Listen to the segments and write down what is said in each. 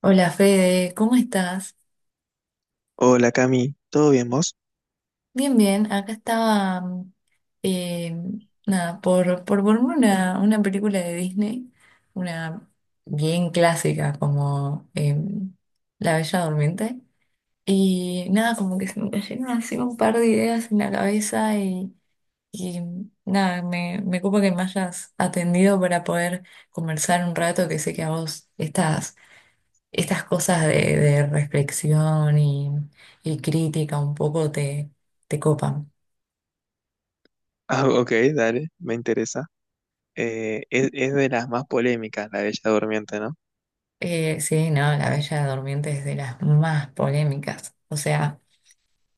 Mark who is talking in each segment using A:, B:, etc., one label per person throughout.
A: Hola Fede, ¿cómo estás?
B: Hola Cami, ¿todo bien vos?
A: Bien, bien, acá estaba, eh, nada, por verme una película de Disney, una bien clásica como La Bella Durmiente, y nada, como que se me cayeron así un par de ideas en la cabeza y nada, me ocupa que me hayas atendido para poder conversar un rato que sé que a vos estás estas cosas de reflexión y crítica un poco te copan.
B: Ah, ok, dale, me interesa. Es de las más polémicas, la Bella Durmiente, ¿no?
A: Sí, no, La Bella Durmiente es de las más polémicas. O sea,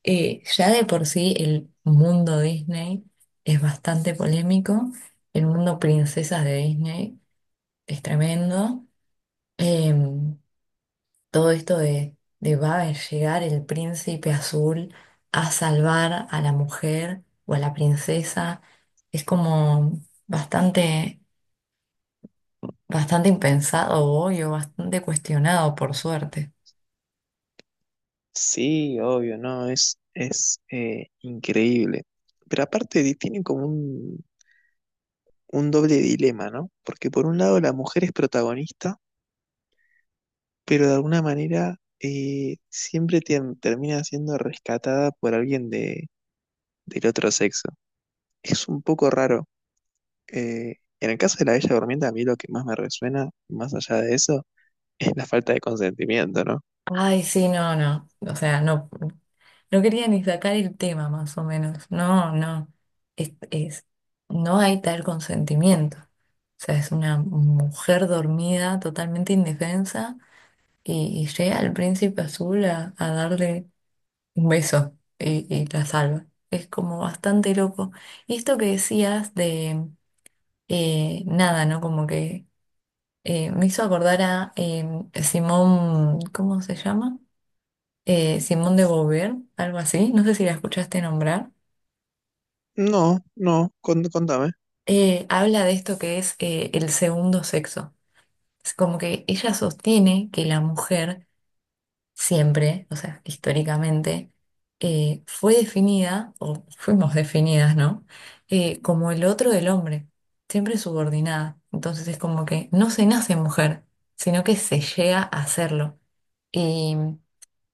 A: ya de por sí el mundo Disney es bastante polémico. El mundo princesas de Disney es tremendo. Em, Todo esto de va a llegar el príncipe azul a salvar a la mujer o a la princesa, es como bastante, bastante impensado hoy o bastante cuestionado, por suerte.
B: Sí, obvio, no, es increíble. Pero aparte tiene como un doble dilema, ¿no? Porque por un lado la mujer es protagonista, pero de alguna manera siempre termina siendo rescatada por alguien de, del otro sexo. Es un poco raro. En el caso de la Bella Durmiente, a mí lo que más me resuena, más allá de eso, es la falta de consentimiento, ¿no?
A: Ay, sí, no, no. O sea, no, no quería ni sacar el tema, más o menos. No, no. Es, es- no hay tal consentimiento. O sea, es una mujer dormida, totalmente indefensa y llega el príncipe azul a darle un beso y la salva. Es como bastante loco. Y esto que decías de nada, ¿no? Como que me hizo acordar a Simón, ¿cómo se llama? Simón de Beauvoir, algo así. No sé si la escuchaste nombrar.
B: No, no, contame.
A: Habla de esto que es el segundo sexo. Es como que ella sostiene que la mujer siempre, o sea, históricamente, fue definida, o fuimos definidas, ¿no? Como el otro del hombre, siempre subordinada. Entonces es como que no se nace mujer, sino que se llega a hacerlo. Y,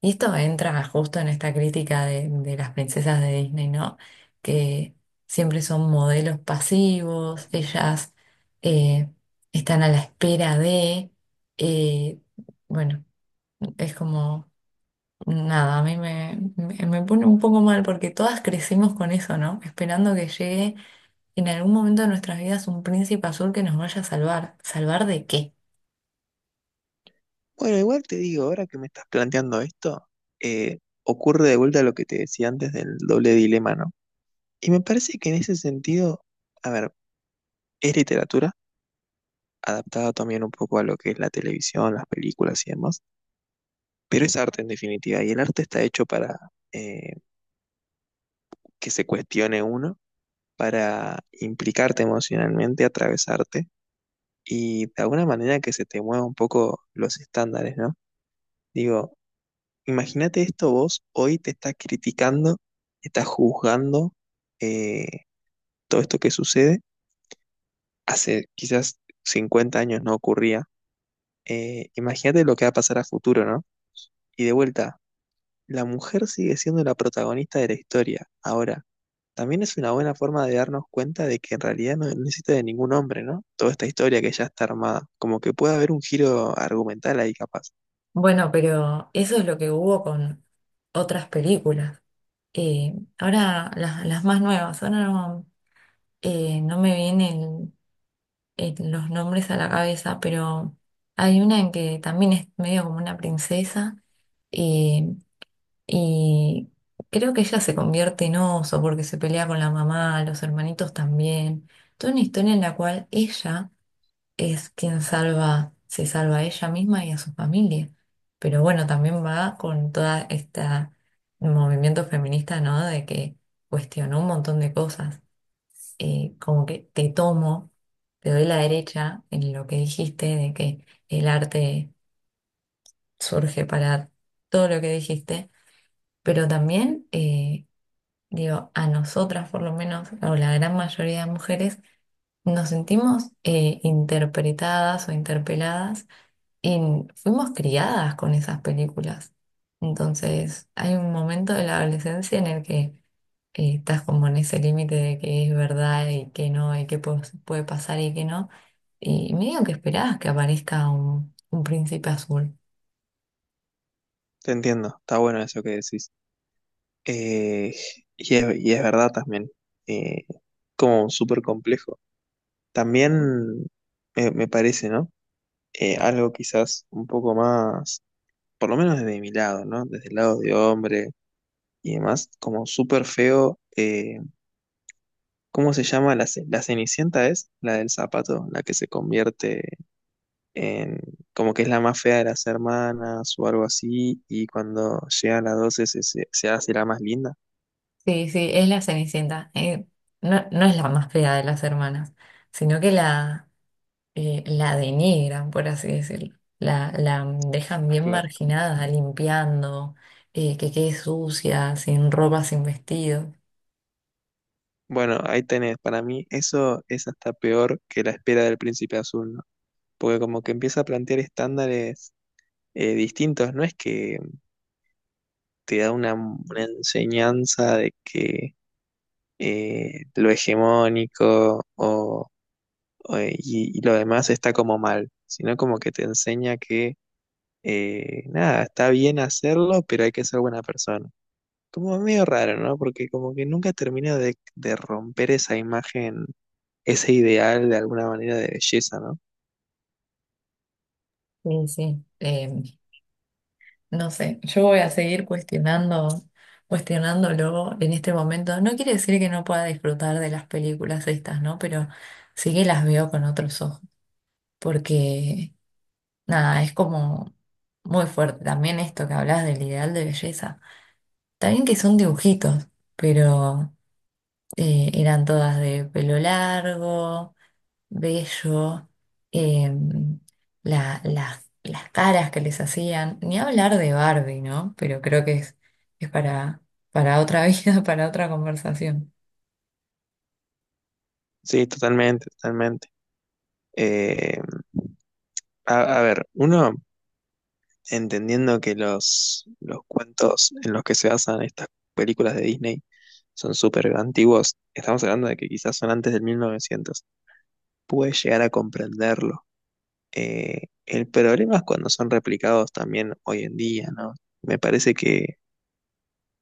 A: y esto entra justo en esta crítica de las princesas de Disney, ¿no? Que siempre son modelos pasivos, ellas eh, están a la espera eh, bueno, es como... nada, a mí me pone un poco mal porque todas crecimos con eso, ¿no? Esperando que llegue en algún momento de nuestras vidas un príncipe azul que nos vaya a salvar. ¿Salvar de qué?
B: Bueno, igual te digo, ahora que me estás planteando esto, ocurre de vuelta lo que te decía antes del doble dilema, ¿no? Y me parece que en ese sentido, a ver, es literatura, adaptada también un poco a lo que es la televisión, las películas y demás, pero es arte en definitiva, y el arte está hecho para eh, que se cuestione uno, para implicarte emocionalmente, atravesarte, y de alguna manera que se te mueva un poco los estándares, ¿no? Digo, imagínate esto, vos hoy te estás criticando, estás juzgando eh, todo esto que sucede. Hace quizás 50 años no ocurría. Imagínate lo que va a pasar a futuro, ¿no? Y de vuelta, la mujer sigue siendo la protagonista de la historia. Ahora, también es una buena forma de darnos cuenta de que en realidad no necesita de ningún hombre, ¿no? Toda esta historia que ya está armada. Como que puede haber un giro argumental ahí capaz.
A: Bueno, pero eso es lo que hubo con otras películas. Ahora, las más nuevas, ahora no, no me vienen los nombres a la cabeza, pero hay una en que también es medio como una princesa, eh, y creo que ella se convierte en oso porque se pelea con la mamá, los hermanitos también. Toda una historia en la cual ella es quien salva, se salva a ella misma y a su familia. Pero bueno, también va con toda esta movimiento feminista, ¿no? De que cuestionó un montón de cosas. Como que te tomo, te doy la derecha en lo que dijiste, de que el arte surge para todo lo que dijiste, pero también digo, a nosotras por lo menos, o la gran mayoría de mujeres, nos sentimos interpretadas o interpeladas y fuimos criadas con esas películas. Entonces, hay un momento de la adolescencia en el que estás como en ese límite de que es verdad y que no, y que puede pasar y que no. Y medio que esperabas que aparezca un príncipe azul.
B: Te entiendo, está bueno eso que decís. Eh, y es, y es verdad también, eh, como súper complejo. También me parece, ¿no? Algo quizás un poco más, por lo menos desde mi lado, ¿no? Desde el lado de hombre y demás, como súper feo. ¿Cómo se llama? La Cenicienta es la del zapato, la que se convierte en, como que es la más fea de las hermanas o algo así, y cuando llega a las 12 se hace la más linda.
A: Sí, sí, es la Cenicienta. No, no es la más fea de las hermanas, sino que la denigran, por así decirlo. La dejan bien
B: Claro.
A: marginada, limpiando, que quede sucia, sin ropa, sin vestido.
B: Bueno, ahí tenés, para mí eso es hasta peor que la espera del príncipe azul, ¿no? Porque como que empieza a plantear estándares distintos, no es que te da una enseñanza de que lo hegemónico o lo demás está como mal, sino como que te enseña que nada, está bien hacerlo, pero hay que ser buena persona. Como medio raro, ¿no? Porque como que nunca termina de romper esa imagen ese ideal de alguna manera de belleza, ¿no?
A: Sí, sí. No sé, yo voy a seguir cuestionando, cuestionándolo en este momento. No quiere decir que no pueda disfrutar de las películas estas, ¿no? Pero sí que las veo con otros ojos, porque nada, es como muy fuerte. También esto que hablas del ideal de belleza. También que son dibujitos, pero eran todas de pelo largo, bello, em, las caras que les hacían, ni hablar de Barbie, ¿no? Pero creo que es para otra vida, para otra conversación.
B: Sí, totalmente, totalmente. Eh, a ver, uno entendiendo que los cuentos en los que se basan estas películas de Disney son súper antiguos, estamos hablando de que quizás son antes del 1900, puede llegar a comprenderlo. El problema es cuando son replicados también hoy en día, ¿no? Me parece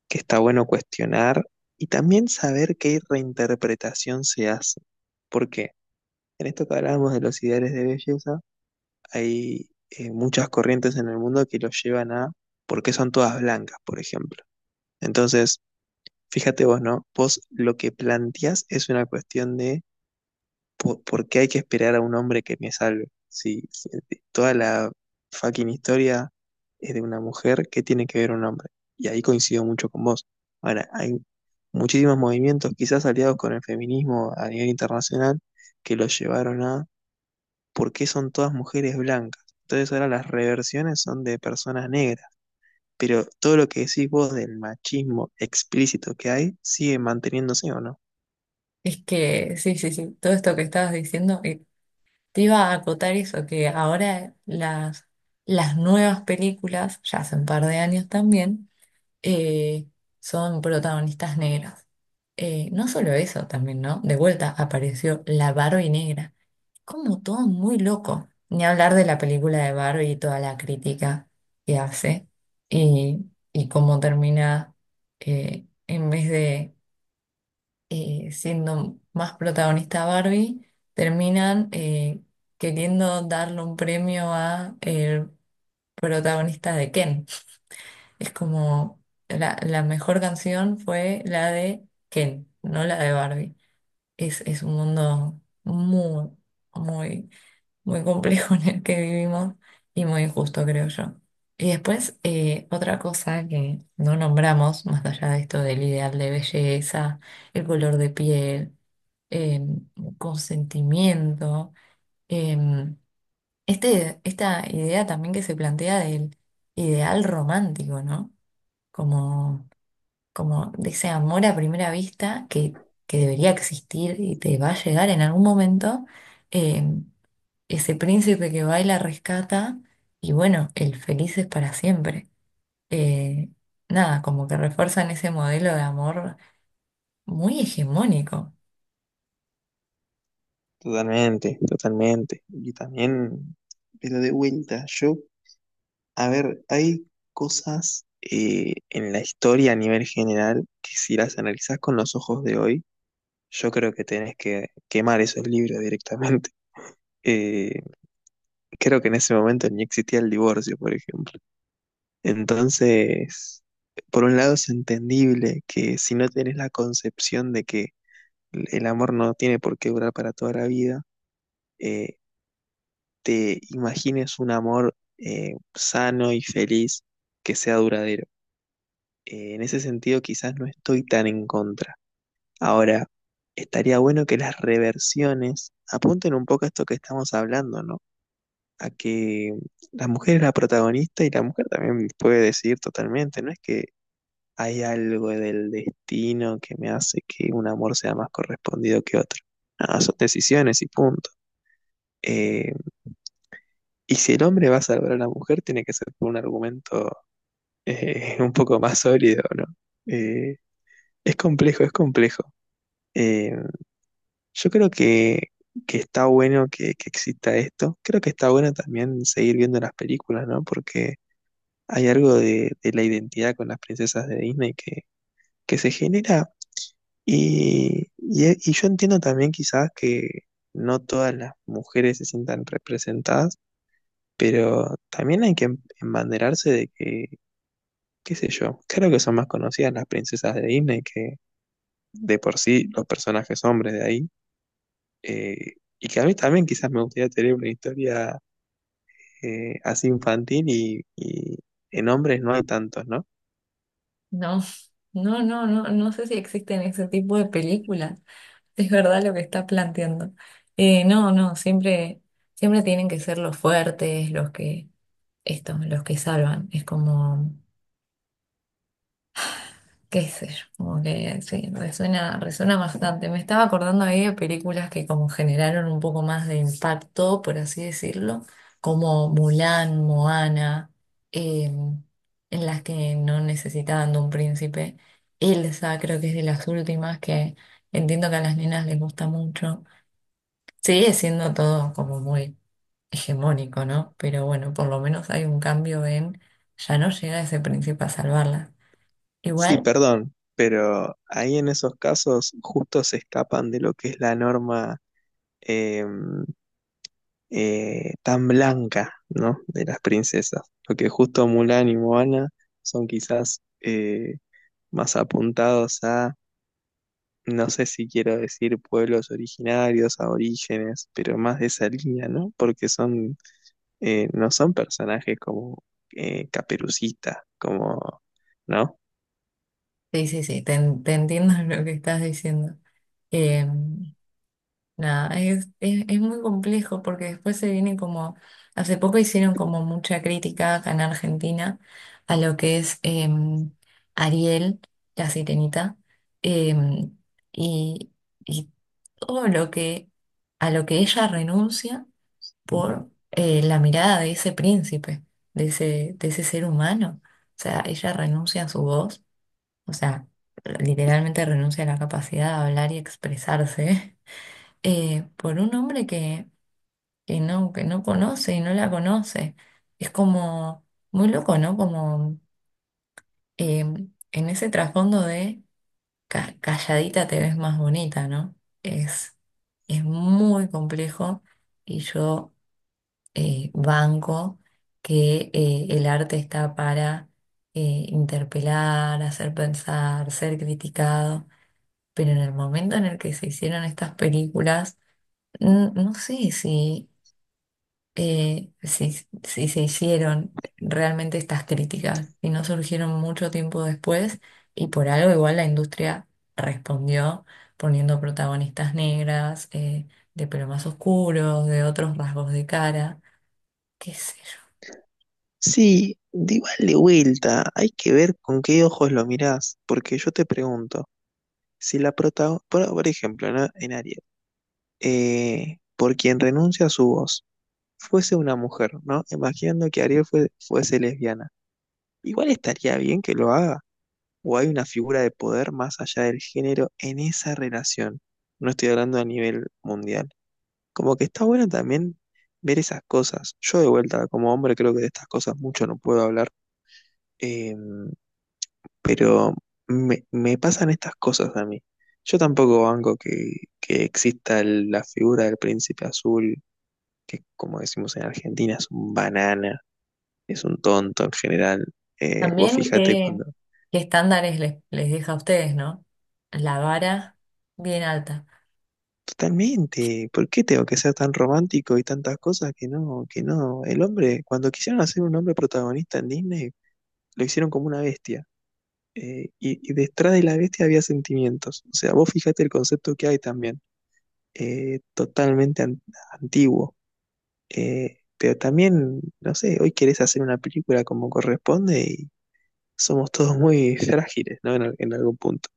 B: que está bueno cuestionar y también saber qué reinterpretación se hace, porque en esto que hablábamos de los ideales de belleza, hay muchas corrientes en el mundo que los llevan a por qué son todas blancas, por ejemplo. Entonces, fíjate vos, ¿no? Vos lo que planteás es una cuestión de por qué hay que esperar a un hombre que me salve. Si toda la fucking historia es de una mujer, ¿qué tiene que ver un hombre? Y ahí coincido mucho con vos. Ahora, hay muchísimos movimientos, quizás aliados con el feminismo a nivel internacional, que los llevaron a porque son todas mujeres blancas. Entonces ahora las reversiones son de personas negras. Pero todo lo que decís vos del machismo explícito que hay sigue manteniéndose o no.
A: Es que, sí, sí, sí, todo esto que estabas diciendo, te iba a acotar eso, que ahora las nuevas películas, ya hace un par de años también, eh, son protagonistas negras. No solo eso también, ¿no? De vuelta apareció la Barbie negra. Como todo muy loco. Ni hablar de la película de Barbie y toda la crítica que hace y, y cómo termina en vez de siendo más protagonista Barbie, terminan queriendo darle un premio a el protagonista de Ken. Es como la mejor canción fue la de Ken, no la de Barbie. Es un mundo muy muy complejo en el que vivimos y muy injusto, creo yo. Y después, otra cosa que no nombramos, más allá de esto del ideal de belleza, el color de piel, em, consentimiento, em, esta idea también que se plantea del ideal romántico, ¿no? Como Como de ese amor a primera vista que debería existir y te va a llegar en algún momento, eh, ese príncipe que baila rescata y bueno, el feliz es para siempre. Eh, Nada, como que refuerzan ese modelo de amor muy hegemónico.
B: Totalmente, totalmente. Y también, pero de vuelta, yo, a ver, hay cosas en la historia a nivel general que si las analizás con los ojos de hoy, yo creo que tenés que quemar esos libros directamente. Eh, creo que en ese momento ni existía el divorcio, por ejemplo. Entonces, por un lado es entendible que si no tenés la concepción de que el amor no tiene por qué durar para toda la vida, eh, te imagines un amor sano y feliz que sea duradero. En ese sentido, quizás no estoy tan en contra. Ahora, estaría bueno que las reversiones apunten un poco a esto que estamos hablando, ¿no? A que la mujer es la protagonista y la mujer también puede decidir totalmente, no es que hay algo del destino que me hace que un amor sea más correspondido que otro. Nada, son decisiones y punto. Eh, y si el hombre va a salvar a la mujer, tiene que ser por un argumento un poco más sólido, ¿no? Eh, es complejo, es complejo. Eh, yo creo que está bueno que exista esto. Creo que está bueno también seguir viendo las películas, ¿no? Porque hay algo de la identidad con las princesas de Disney que se genera. Y yo entiendo también quizás que no todas las mujeres se sientan representadas, pero también hay que embanderarse de que, qué sé yo, creo que son más conocidas las princesas de Disney que de por sí los personajes hombres de ahí. eh, y que a mí también quizás me gustaría tener una historia así infantil y en hombres no hay tantos, ¿no?
A: No, no, no, no, no sé si existen ese tipo de películas. Es verdad lo que está planteando. No, no, siempre tienen que ser los fuertes, los que salvan. Es como qué sé yo, como que sí, resuena, resuena bastante. Me estaba acordando ahí de películas que como generaron un poco más de impacto, por así decirlo, como Mulan, Moana, eh, en las que no necesitaban de un príncipe. Elsa creo que es de las últimas que entiendo que a las nenas les gusta mucho. Sigue siendo todo como muy hegemónico, ¿no? Pero bueno, por lo menos hay un cambio en ya no llega ese príncipe a salvarla.
B: Sí,
A: Igual.
B: perdón, pero ahí en esos casos justo se escapan de lo que es la norma. em, Tan blanca, ¿no? De las princesas. Porque justo Mulan y Moana son quizás más apuntados a, no sé si quiero decir pueblos originarios, a orígenes, pero más de esa línea, ¿no? Porque son, no son personajes como Caperucita, como, ¿no?
A: Sí, sí, sí, te entiendo lo que estás diciendo. Eh, Nada, es muy complejo porque después se viene como, hace poco hicieron como mucha crítica acá en Argentina a lo que es Ariel, la sirenita, eh, y, y todo lo que, a lo que ella renuncia por la mirada de ese príncipe, de ese ser humano. O sea, ella renuncia a su voz, o sea, literalmente renuncia a la capacidad de hablar y expresarse, por un hombre que no conoce y no la conoce. Es como muy loco, ¿no? Como eh, en ese trasfondo de calladita te ves más bonita, ¿no? Es, es muy complejo y yo banco que el arte está para interpelar, hacer pensar, ser criticado pero en el momento en el que se hicieron estas películas, no sé si si se hicieron realmente estas críticas y no surgieron mucho tiempo después y por algo igual la industria respondió poniendo protagonistas negras, de pelo más oscuro, de otros rasgos de cara, qué sé yo.
B: Sí, de igual de vuelta, hay que ver con qué ojos lo mirás, porque yo te pregunto, si la prota, por ejemplo, ¿no? En Ariel, por quien renuncia a su voz fuese una mujer, ¿no? Imaginando que Ariel fuese lesbiana. Igual estaría bien que lo haga, o hay una figura de poder más allá del género en esa relación. No estoy hablando a nivel mundial. Como que está bueno también ver esas cosas. Yo de vuelta, como hombre, creo que de estas cosas mucho no puedo hablar, eh, pero me pasan estas cosas a mí. Yo tampoco banco que exista la figura del príncipe azul que como decimos en Argentina es un banana, es un tonto en general. Vos
A: También
B: fíjate cuando...
A: qué estándares les deja a ustedes, ¿no? La vara bien alta.
B: Totalmente, ¿por qué tengo que ser tan romántico y tantas cosas que no, que no? El hombre, cuando quisieron hacer un hombre protagonista en Disney, lo hicieron como una bestia. Y detrás de la bestia había sentimientos. O sea, vos fíjate el concepto que hay también. Totalmente antiguo. Pero también, no sé, hoy querés hacer una película como corresponde y, somos todos muy frágiles, ¿no? En algún punto.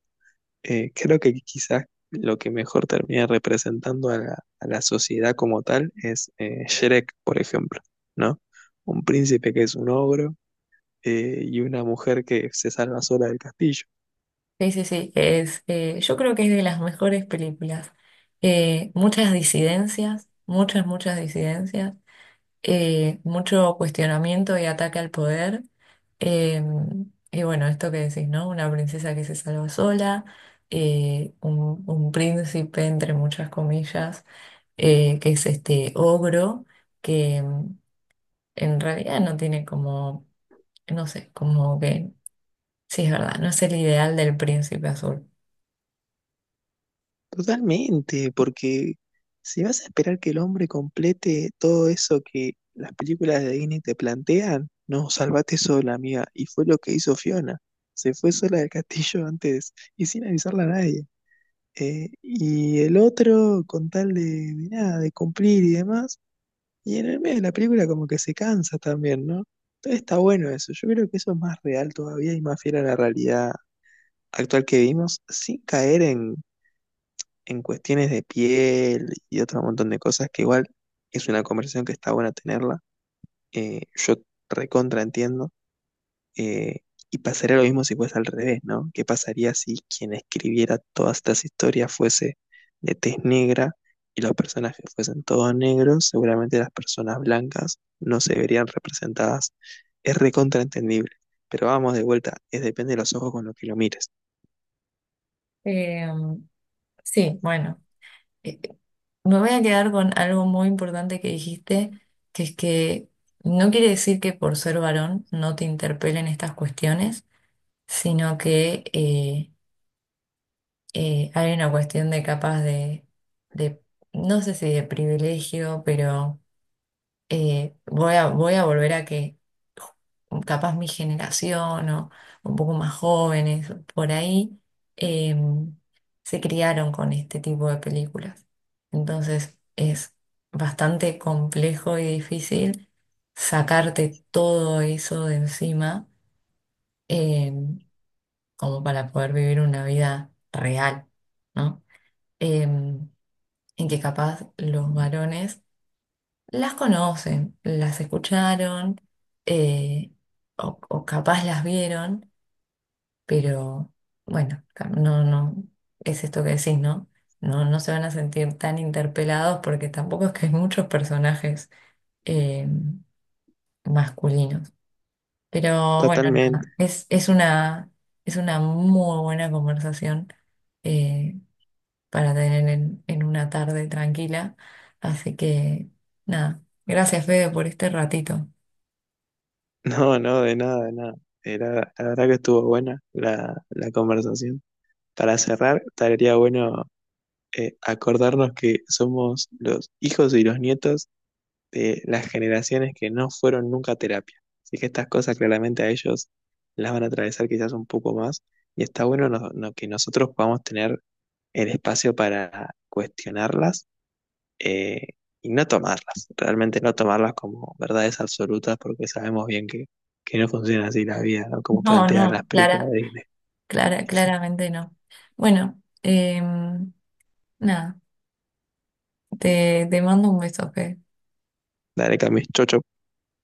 B: Creo que quizás lo que mejor termina representando a a la sociedad como tal es Shrek, por ejemplo, ¿no? Un príncipe que es un ogro y una mujer que se salva sola del castillo.
A: Sí, sí, sí, yo creo que es de las mejores películas. Muchas disidencias, muchas disidencias, mucho cuestionamiento y ataque al poder. Eh, y bueno, esto que decís, ¿no? Una princesa que se salva sola, un príncipe, entre muchas comillas, que es este ogro, que mm, en realidad no tiene como, no sé, como que, sí es verdad, no es el ideal del príncipe azul.
B: Totalmente, porque si vas a esperar que el hombre complete todo eso que las películas de Disney te plantean, no, salvate sola, amiga. Y fue lo que hizo Fiona. Se fue sola del castillo antes y sin avisarle a nadie. Y el otro con tal de nada, de cumplir y demás. Y en el medio de la película como que se cansa también, ¿no? Entonces está bueno eso. Yo creo que eso es más real todavía y más fiel a la realidad actual que vivimos, sin caer en cuestiones de piel y otro montón de cosas que igual es una conversación que está buena tenerla. Yo recontra entiendo. Eh, y pasaría lo mismo si fuese al revés, ¿no? ¿Qué pasaría si quien escribiera todas estas historias fuese de tez negra y los personajes fuesen todos negros? Seguramente las personas blancas no se verían representadas. Es recontraentendible. Pero vamos de vuelta, es depende de los ojos con los que lo mires.
A: Eh, Sí, bueno, eh, eh, me voy a quedar con algo muy importante que dijiste, que es que no quiere decir que por ser varón no te interpelen estas cuestiones, sino que hay una cuestión de capaz de, no sé si de privilegio, pero voy a volver a que capaz mi generación o un poco más jóvenes por ahí em, se criaron con este tipo de películas. Entonces es bastante complejo y difícil sacarte todo eso de encima, em, como para poder vivir una vida real, ¿no? Em, en que capaz los varones las conocen, las escucharon, eh, o capaz las vieron, pero bueno, no, es esto que decís, ¿no? No, no se van a sentir tan interpelados porque tampoco es que hay muchos personajes eh, masculinos. Pero bueno,
B: Totalmente.
A: nada, es una muy buena conversación eh, para tener en una tarde tranquila. Así que nada, gracias Fede por este ratito.
B: No, no, de nada, de nada. La verdad que estuvo buena la conversación. Para cerrar, estaría bueno acordarnos que somos los hijos y los nietos de las generaciones que no fueron nunca a terapia. Así que estas cosas claramente a ellos las van a atravesar quizás un poco más y está bueno que nosotros podamos tener el espacio para cuestionarlas eh, y no tomarlas, realmente no tomarlas como verdades absolutas porque sabemos bien que no funciona así la vida, ¿no? Como
A: No,
B: plantean las
A: no,
B: películas de Disney.
A: clara, claramente no. Bueno, em, nada, te mando un beso, Fe.
B: Dale, Camis, chocho.